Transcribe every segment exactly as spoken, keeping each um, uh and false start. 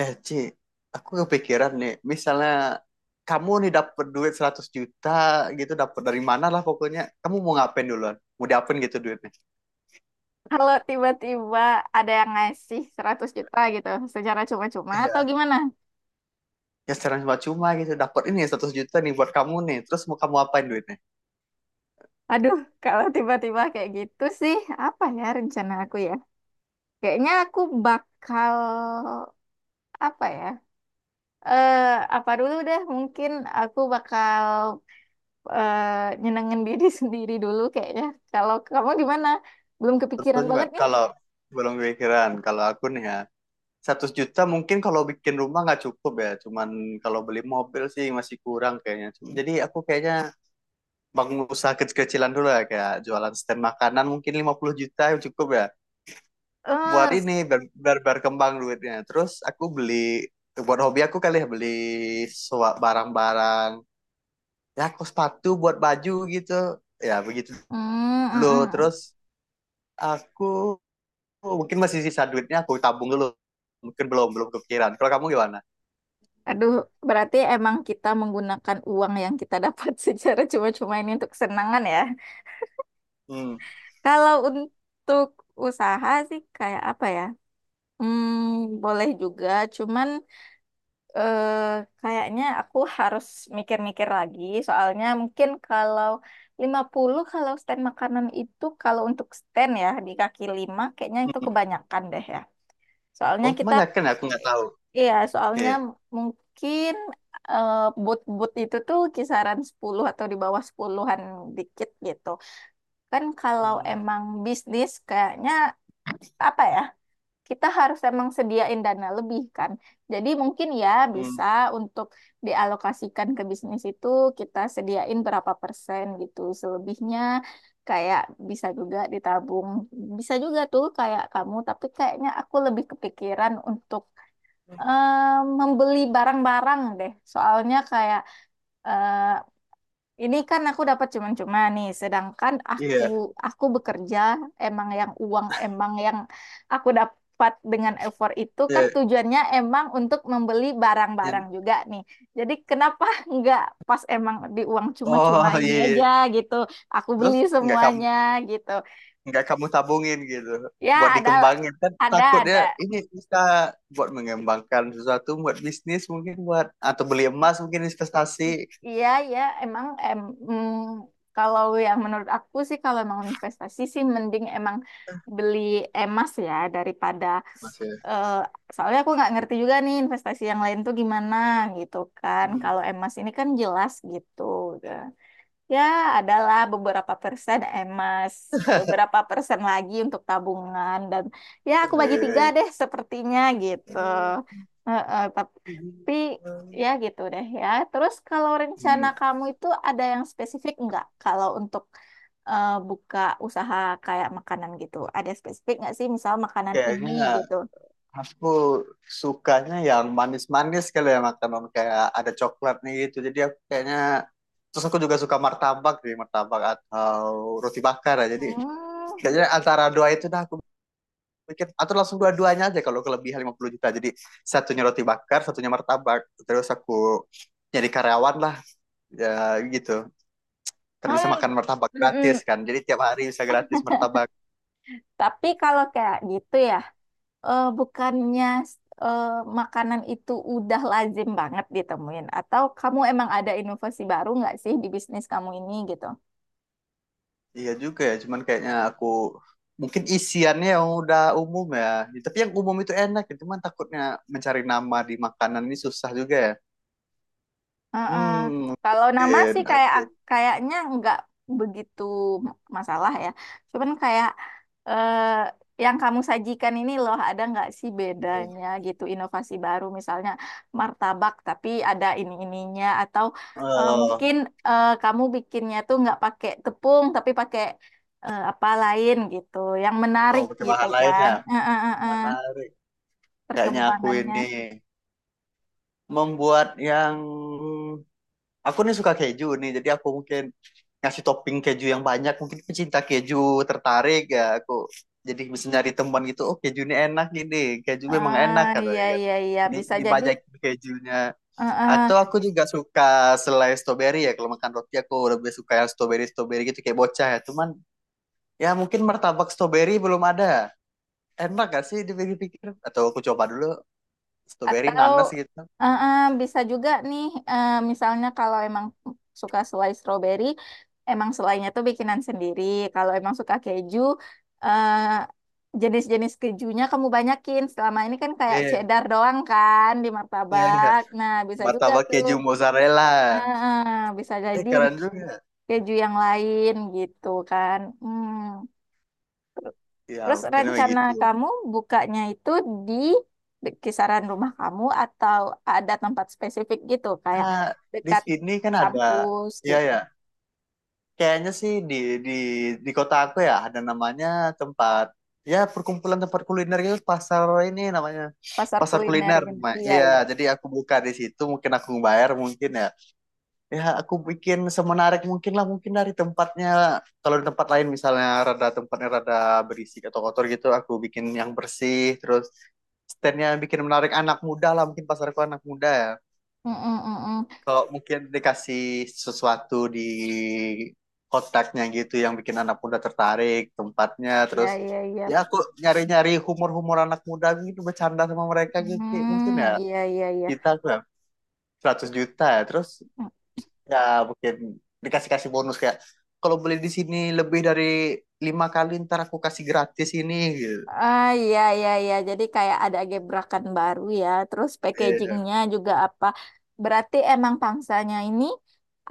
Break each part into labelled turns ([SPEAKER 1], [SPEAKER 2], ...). [SPEAKER 1] Eh, Ci, aku kepikiran nih, misalnya kamu nih dapet duit seratus juta gitu, dapet dari mana lah pokoknya. Kamu mau ngapain duluan? Mau diapain gitu duitnya?
[SPEAKER 2] Kalau tiba-tiba ada yang ngasih seratus juta gitu secara cuma-cuma atau
[SPEAKER 1] Iya.
[SPEAKER 2] gimana?
[SPEAKER 1] Ya secara cuma-cuma gitu, dapet ini seratus juta nih buat kamu nih. Terus mau kamu apain duitnya?
[SPEAKER 2] Aduh, kalau tiba-tiba kayak gitu sih, apa ya rencana aku ya? Kayaknya aku bakal apa ya? Eh, apa dulu deh, mungkin aku bakal eh, nyenengin diri sendiri dulu kayaknya. Kalau kamu gimana? Belum kepikiran
[SPEAKER 1] Tentunya
[SPEAKER 2] banget
[SPEAKER 1] Mat,
[SPEAKER 2] nih.
[SPEAKER 1] kalau belum kepikiran, kalau aku nih ya, seratus juta mungkin kalau bikin rumah nggak cukup ya, cuman kalau beli mobil sih masih kurang kayaknya. Jadi aku kayaknya bangun usaha kecil-kecilan dulu ya, kayak jualan stand makanan mungkin lima puluh juta cukup ya. Buat
[SPEAKER 2] Eh, s-
[SPEAKER 1] ini biar, biar, biar kembang duitnya, terus aku beli buat hobi aku kali ya, beli sua- barang-barang, ya aku sepatu buat baju gitu, ya begitu
[SPEAKER 2] mm,
[SPEAKER 1] dulu.
[SPEAKER 2] mm, mm.
[SPEAKER 1] Terus aku mungkin masih sisa duitnya, aku tabung dulu. Mungkin belum belum kepikiran. Kalau kamu gimana?
[SPEAKER 2] Aduh, berarti emang kita menggunakan uang yang kita dapat secara cuma-cuma ini untuk kesenangan ya.
[SPEAKER 1] Hmm.
[SPEAKER 2] Kalau untuk usaha sih kayak apa ya? Hmm, boleh juga, cuman eh, kayaknya aku harus mikir-mikir lagi. Soalnya mungkin kalau lima puluh kalau stand makanan itu kalau untuk stand ya di kaki lima kayaknya itu
[SPEAKER 1] Hmm.
[SPEAKER 2] kebanyakan deh ya. Soalnya
[SPEAKER 1] Oh,
[SPEAKER 2] kita,
[SPEAKER 1] banyak kan, aku nggak tahu.
[SPEAKER 2] iya, soalnya
[SPEAKER 1] Iya.
[SPEAKER 2] mungkin eh, boot-boot itu tuh kisaran sepuluh atau di bawah sepuluhan an dikit gitu. Kan kalau emang bisnis kayaknya apa ya, kita harus emang sediain dana lebih kan. Jadi mungkin ya
[SPEAKER 1] Hmm.
[SPEAKER 2] bisa untuk dialokasikan ke bisnis itu, kita sediain berapa persen gitu. Selebihnya kayak bisa juga ditabung. Bisa juga tuh kayak kamu, tapi kayaknya aku lebih kepikiran untuk eh, membeli barang-barang deh. Soalnya kayak eh, ini kan aku dapat cuma-cuma nih, sedangkan aku
[SPEAKER 1] Iya,
[SPEAKER 2] aku bekerja emang yang uang emang yang aku dapat dengan effort itu kan
[SPEAKER 1] iya.
[SPEAKER 2] tujuannya emang untuk membeli
[SPEAKER 1] Iya.
[SPEAKER 2] barang-barang juga nih. Jadi kenapa nggak pas emang di uang cuma-cuma
[SPEAKER 1] Oh
[SPEAKER 2] ini
[SPEAKER 1] iya,
[SPEAKER 2] aja gitu, aku
[SPEAKER 1] terus
[SPEAKER 2] beli
[SPEAKER 1] nggak kamu
[SPEAKER 2] semuanya gitu.
[SPEAKER 1] nggak kamu tabungin gitu
[SPEAKER 2] Ya
[SPEAKER 1] buat
[SPEAKER 2] ada
[SPEAKER 1] dikembangin, kan
[SPEAKER 2] ada
[SPEAKER 1] takutnya
[SPEAKER 2] ada
[SPEAKER 1] ini bisa buat mengembangkan sesuatu buat bisnis, mungkin buat, atau beli emas mungkin, investasi.
[SPEAKER 2] I- iya, ya, emang em, mm, kalau yang menurut aku sih kalau emang investasi sih mending emang beli emas ya daripada
[SPEAKER 1] Masih.
[SPEAKER 2] eh, soalnya aku nggak ngerti juga nih investasi yang lain tuh gimana gitu kan.
[SPEAKER 1] Hmm.
[SPEAKER 2] Kalau emas ini kan jelas gitu. Ya, adalah beberapa persen emas, beberapa persen lagi untuk tabungan, dan ya aku bagi tiga
[SPEAKER 1] Eh,
[SPEAKER 2] deh sepertinya gitu. Heeh, tap- tapi ya gitu deh ya. Terus kalau rencana
[SPEAKER 1] hmm.
[SPEAKER 2] kamu itu ada yang spesifik nggak? Kalau untuk eh, buka usaha kayak makanan gitu, ada spesifik nggak sih? Misal makanan ini
[SPEAKER 1] Kayaknya
[SPEAKER 2] gitu.
[SPEAKER 1] aku sukanya yang manis-manis, kalau ya makanan kayak ada coklatnya gitu, jadi aku kayaknya terus aku juga suka martabak sih, martabak atau roti bakar ya. Jadi
[SPEAKER 2] Hmm.
[SPEAKER 1] kayaknya antara dua itu dah aku bikin, atau langsung dua-duanya aja kalau kelebihan lima puluh juta. Jadi satunya roti bakar, satunya martabak. Terus aku jadi karyawan lah, ya gitu. Terus bisa
[SPEAKER 2] Hmm.
[SPEAKER 1] makan martabak gratis
[SPEAKER 2] Mm-mm.
[SPEAKER 1] kan. Jadi tiap hari bisa gratis martabak.
[SPEAKER 2] Tapi kalau kayak gitu ya, eh, bukannya eh, makanan itu udah lazim banget ditemuin? Atau kamu emang ada inovasi baru nggak sih di bisnis kamu ini gitu?
[SPEAKER 1] Iya juga ya, cuman kayaknya aku mungkin isiannya yang udah umum ya. Tapi yang umum itu enak, ya. Cuman takutnya mencari nama di makanan ini susah juga ya.
[SPEAKER 2] Heeh.
[SPEAKER 1] Hmm,
[SPEAKER 2] Kalau nama
[SPEAKER 1] mungkin
[SPEAKER 2] sih kayak
[SPEAKER 1] aku
[SPEAKER 2] kayaknya nggak begitu masalah ya. Cuman kayak eh, yang kamu sajikan ini loh, ada nggak sih
[SPEAKER 1] hmm.
[SPEAKER 2] bedanya gitu, inovasi baru misalnya martabak tapi ada ini ininya, atau eh,
[SPEAKER 1] Oh,
[SPEAKER 2] mungkin eh, kamu bikinnya tuh nggak pakai tepung tapi pakai eh, apa lain gitu, yang
[SPEAKER 1] oh
[SPEAKER 2] menarik
[SPEAKER 1] pakai
[SPEAKER 2] gitu
[SPEAKER 1] bahan lain
[SPEAKER 2] kan?
[SPEAKER 1] ya.
[SPEAKER 2] Eh, eh, eh, eh,
[SPEAKER 1] Menarik. Kayaknya aku
[SPEAKER 2] Perkembangannya.
[SPEAKER 1] ini membuat yang aku nih suka keju nih, jadi aku mungkin ngasih topping keju yang banyak, mungkin pecinta keju tertarik ya. Aku jadi bisa nyari teman gitu, oh keju ini enak gini, keju memang enak
[SPEAKER 2] Ah, iya
[SPEAKER 1] katanya kan.
[SPEAKER 2] iya iya,
[SPEAKER 1] Jadi
[SPEAKER 2] bisa jadi.
[SPEAKER 1] dibajakin kejunya.
[SPEAKER 2] Heeh.
[SPEAKER 1] Atau aku juga suka selai strawberry ya, kalau makan roti aku lebih suka yang strawberry strawberry gitu, kayak bocah ya, cuman ya mungkin martabak strawberry belum ada, enak gak sih dipikir-pikir, atau aku coba dulu strawberry
[SPEAKER 2] Atau
[SPEAKER 1] nanas gitu.
[SPEAKER 2] eh, eh, bisa juga nih, eh, misalnya kalau emang suka selai stroberi, emang selainya tuh bikinan sendiri. Kalau emang suka keju, eh, jenis-jenis kejunya kamu banyakin. Selama ini kan kayak
[SPEAKER 1] Iya,
[SPEAKER 2] cheddar doang kan di
[SPEAKER 1] iya, iya.
[SPEAKER 2] martabak. Nah, bisa juga
[SPEAKER 1] Martabak
[SPEAKER 2] tuh.
[SPEAKER 1] keju mozzarella.
[SPEAKER 2] Eh, eh, Bisa
[SPEAKER 1] Eh,
[SPEAKER 2] jadi
[SPEAKER 1] keren juga.
[SPEAKER 2] keju yang lain gitu kan. Hmm.
[SPEAKER 1] Ya
[SPEAKER 2] Terus
[SPEAKER 1] mungkin
[SPEAKER 2] rencana
[SPEAKER 1] begitu.
[SPEAKER 2] kamu bukanya itu di kisaran rumah kamu atau ada tempat spesifik gitu kayak
[SPEAKER 1] Nah, di
[SPEAKER 2] dekat
[SPEAKER 1] sini kan ada.
[SPEAKER 2] kampus
[SPEAKER 1] Ya,
[SPEAKER 2] gitu,
[SPEAKER 1] ya. Kayaknya sih di di di kota aku ya, ada namanya tempat, ya perkumpulan tempat kuliner gitu, pasar ini namanya
[SPEAKER 2] pasar
[SPEAKER 1] pasar
[SPEAKER 2] kuliner
[SPEAKER 1] kuliner
[SPEAKER 2] gitu.
[SPEAKER 1] Ma.
[SPEAKER 2] Iya,
[SPEAKER 1] Iya,
[SPEAKER 2] iya.
[SPEAKER 1] jadi aku buka di situ mungkin, aku bayar mungkin ya. Ya aku bikin semenarik mungkin lah, mungkin dari tempatnya, kalau di tempat lain misalnya rada tempatnya rada berisik atau kotor gitu, aku bikin yang bersih. Terus standnya yang bikin menarik anak muda lah, mungkin pasarku anak muda ya.
[SPEAKER 2] Mm, mm, mm, mm.
[SPEAKER 1] Kalau mungkin dikasih sesuatu di kotaknya gitu yang bikin anak muda tertarik tempatnya.
[SPEAKER 2] Iya,
[SPEAKER 1] Terus
[SPEAKER 2] iya, iya.
[SPEAKER 1] ya aku nyari-nyari humor-humor anak muda gitu, bercanda sama mereka gitu. Kayak mungkin
[SPEAKER 2] Hmm,
[SPEAKER 1] ya,
[SPEAKER 2] iya, iya, iya.
[SPEAKER 1] kita aku ya juta ya, terus ya mungkin dikasih-kasih bonus, kayak kalau beli di sini lebih dari lima kali, ntar aku kasih gratis ini gitu.
[SPEAKER 2] Ah, iya iya iya, jadi kayak ada gebrakan baru ya, terus
[SPEAKER 1] Iya,
[SPEAKER 2] packagingnya juga apa, berarti emang pangsanya ini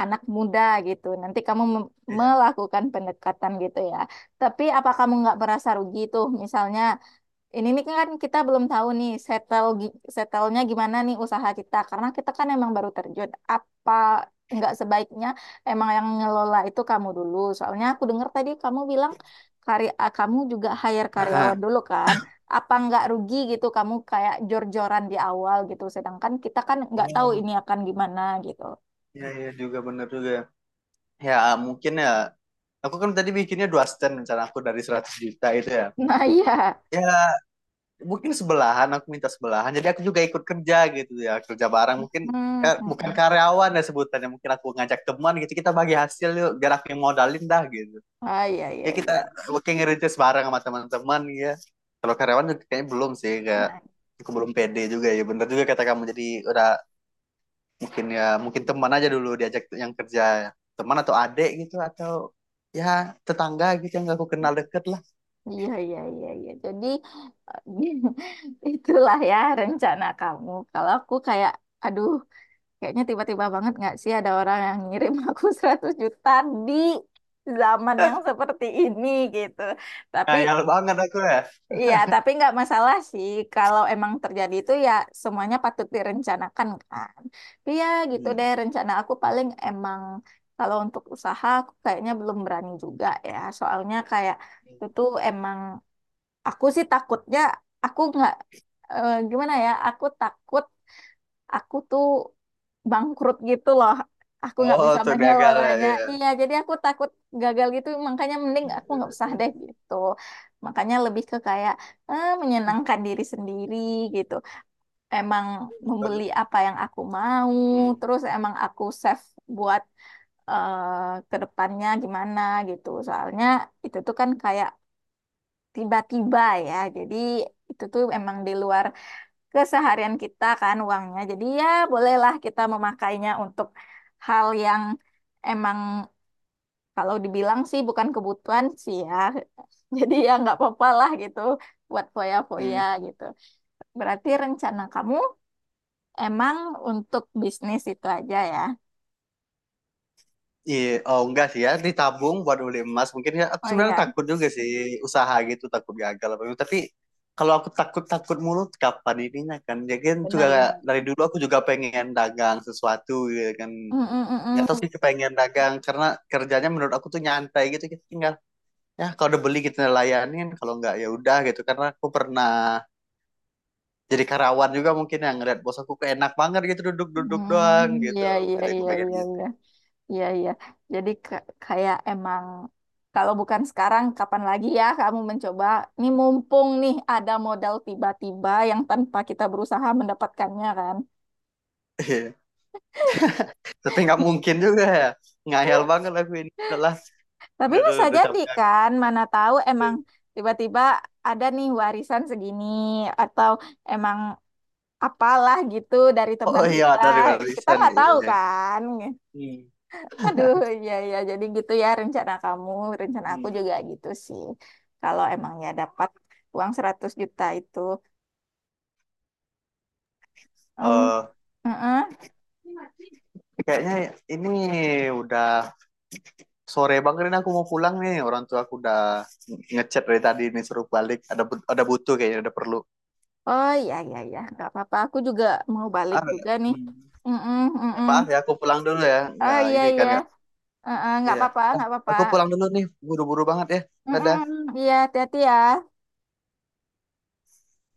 [SPEAKER 2] anak muda gitu, nanti kamu mem-
[SPEAKER 1] iya.
[SPEAKER 2] melakukan pendekatan gitu ya. Tapi apa kamu nggak merasa rugi tuh, misalnya ini nih kan kita belum tahu nih settle gi- settlenya gimana nih usaha kita, karena kita kan emang baru terjun. Apa nggak sebaiknya emang yang ngelola itu kamu dulu? Soalnya aku dengar tadi kamu bilang karya ah, kamu juga hire karyawan
[SPEAKER 1] Ah,
[SPEAKER 2] dulu kan? Apa nggak rugi gitu kamu kayak jor-joran di awal gitu? Sedangkan kita kan nggak tahu
[SPEAKER 1] oh,
[SPEAKER 2] ini akan gimana gitu.
[SPEAKER 1] iya, iya juga, bener juga. Ya, mungkin ya. Aku kan tadi bikinnya dua stand, rencana aku dari seratus juta itu ya.
[SPEAKER 2] Nah, iya.
[SPEAKER 1] Ya, mungkin sebelahan, aku minta sebelahan. Jadi aku juga ikut kerja gitu ya. Kerja bareng mungkin,
[SPEAKER 2] Hmm. Mm,
[SPEAKER 1] ka- bukan
[SPEAKER 2] mm.
[SPEAKER 1] karyawan ya sebutannya. Mungkin aku ngajak teman gitu, kita bagi hasil yuk. Biar aku yang modalin dah gitu.
[SPEAKER 2] Ah, iya iya
[SPEAKER 1] Ya kita
[SPEAKER 2] iya.
[SPEAKER 1] working ngerintis bareng sama teman-teman ya. Kalau karyawan kayaknya belum sih, kayak
[SPEAKER 2] Nah,
[SPEAKER 1] aku belum pede juga ya. Bener juga kata kamu. Jadi udah, mungkin ya mungkin teman aja dulu diajak yang kerja, teman atau adik gitu atau ya tetangga gitu yang aku kenal deket lah.
[SPEAKER 2] iya, iya, iya, iya. Jadi eh, itulah ya rencana kamu. Kalau aku kayak, aduh, kayaknya tiba-tiba banget nggak sih ada orang yang ngirim aku seratus juta di zaman yang seperti ini gitu. Tapi
[SPEAKER 1] Ngayal banget aku ya.
[SPEAKER 2] Iya, tapi nggak masalah sih. Kalau emang terjadi itu ya semuanya patut direncanakan kan. Tapi ya gitu deh,
[SPEAKER 1] Hmm.
[SPEAKER 2] rencana aku paling emang kalau untuk usaha aku kayaknya belum berani juga ya. Soalnya kayak itu tuh emang aku sih takutnya aku nggak eh, gimana ya, aku takut aku tuh bangkrut gitu loh. Aku nggak
[SPEAKER 1] Oh
[SPEAKER 2] bisa
[SPEAKER 1] tuh dia gagal ya,
[SPEAKER 2] mengelolanya.
[SPEAKER 1] iya.
[SPEAKER 2] Iya, jadi aku takut gagal gitu. Makanya mending aku nggak usah deh gitu. Makanya lebih ke kayak eh, menyenangkan diri sendiri gitu. Emang membeli apa yang aku mau,
[SPEAKER 1] Hmm.
[SPEAKER 2] terus emang aku save buat eh, ke depannya gimana gitu. Soalnya itu tuh kan kayak tiba-tiba ya. Jadi itu tuh emang di luar keseharian kita kan uangnya. Jadi ya bolehlah kita memakainya untuk hal yang emang kalau dibilang sih bukan kebutuhan sih ya. Jadi ya nggak apa-apa lah gitu buat foya-foya
[SPEAKER 1] Hmm.
[SPEAKER 2] gitu. Berarti rencana kamu emang untuk bisnis itu aja ya.
[SPEAKER 1] Iya, oh enggak sih, ya ditabung buat beli emas mungkin ya. Aku
[SPEAKER 2] Oh
[SPEAKER 1] sebenarnya
[SPEAKER 2] iya,
[SPEAKER 1] takut juga sih usaha gitu, takut gagal apa gitu. Tapi kalau aku takut takut mulu kapan ininya, kan ya, kan juga
[SPEAKER 2] benar-benar.
[SPEAKER 1] dari dulu aku juga pengen dagang sesuatu gitu kan.
[SPEAKER 2] Mm, mm,
[SPEAKER 1] Nggak
[SPEAKER 2] mm,
[SPEAKER 1] tahu
[SPEAKER 2] mm.
[SPEAKER 1] sih, kepengen dagang karena kerjanya menurut aku tuh nyantai gitu, kita tinggal ya kalau udah beli kita layanin, kalau nggak ya udah gitu. Karena aku pernah jadi karyawan juga, mungkin yang ngeliat bos aku kok enak banget gitu, duduk-duduk doang
[SPEAKER 2] Hmm,
[SPEAKER 1] gitu.
[SPEAKER 2] iya, iya,
[SPEAKER 1] Jadi aku
[SPEAKER 2] iya,
[SPEAKER 1] pengen
[SPEAKER 2] iya,
[SPEAKER 1] gitu.
[SPEAKER 2] iya. Iya, iya. Jadi ke- kayak emang kalau bukan sekarang, kapan lagi ya kamu mencoba? Ini mumpung nih ada modal tiba-tiba yang tanpa kita berusaha mendapatkannya kan.
[SPEAKER 1] Iya. Tapi nggak mungkin juga ya, ngayal banget aku ini udahlah.
[SPEAKER 2] Tapi
[SPEAKER 1] Udah, udah,
[SPEAKER 2] bisa
[SPEAKER 1] udah
[SPEAKER 2] jadi
[SPEAKER 1] capek aku.
[SPEAKER 2] kan, mana tahu emang tiba-tiba ada nih warisan segini atau emang apalah gitu dari
[SPEAKER 1] Oh
[SPEAKER 2] teman
[SPEAKER 1] iya,
[SPEAKER 2] kita.
[SPEAKER 1] dari
[SPEAKER 2] Kita
[SPEAKER 1] barisan,
[SPEAKER 2] nggak tahu
[SPEAKER 1] iya.
[SPEAKER 2] kan.
[SPEAKER 1] Hmm.
[SPEAKER 2] Aduh, iya iya jadi gitu ya rencana kamu, rencana aku
[SPEAKER 1] Hmm.
[SPEAKER 2] juga gitu sih. Kalau emang ya dapat uang seratus juta itu. Em,
[SPEAKER 1] Eh,
[SPEAKER 2] heeh.
[SPEAKER 1] kayaknya ini udah sore bang, ini aku mau pulang nih, orang tua aku udah ngechat dari tadi nih suruh balik, ada bu- ada butuh kayaknya, ada perlu.
[SPEAKER 2] Oh, iya iya iya, nggak apa-apa. Aku juga mau balik
[SPEAKER 1] Ah.
[SPEAKER 2] juga nih.
[SPEAKER 1] Hmm.
[SPEAKER 2] Mm-mm,
[SPEAKER 1] Ya,
[SPEAKER 2] mm-mm.
[SPEAKER 1] maaf ya, aku pulang dulu ya,
[SPEAKER 2] Oh,
[SPEAKER 1] nggak
[SPEAKER 2] iya
[SPEAKER 1] ini kan
[SPEAKER 2] iya,
[SPEAKER 1] nggak.
[SPEAKER 2] heeh, nggak
[SPEAKER 1] Iya,
[SPEAKER 2] apa-apa, nggak apa-apa.
[SPEAKER 1] aku pulang dulu nih, buru-buru banget ya. Dadah.
[SPEAKER 2] Mm-mm, iya, hati-hati ya.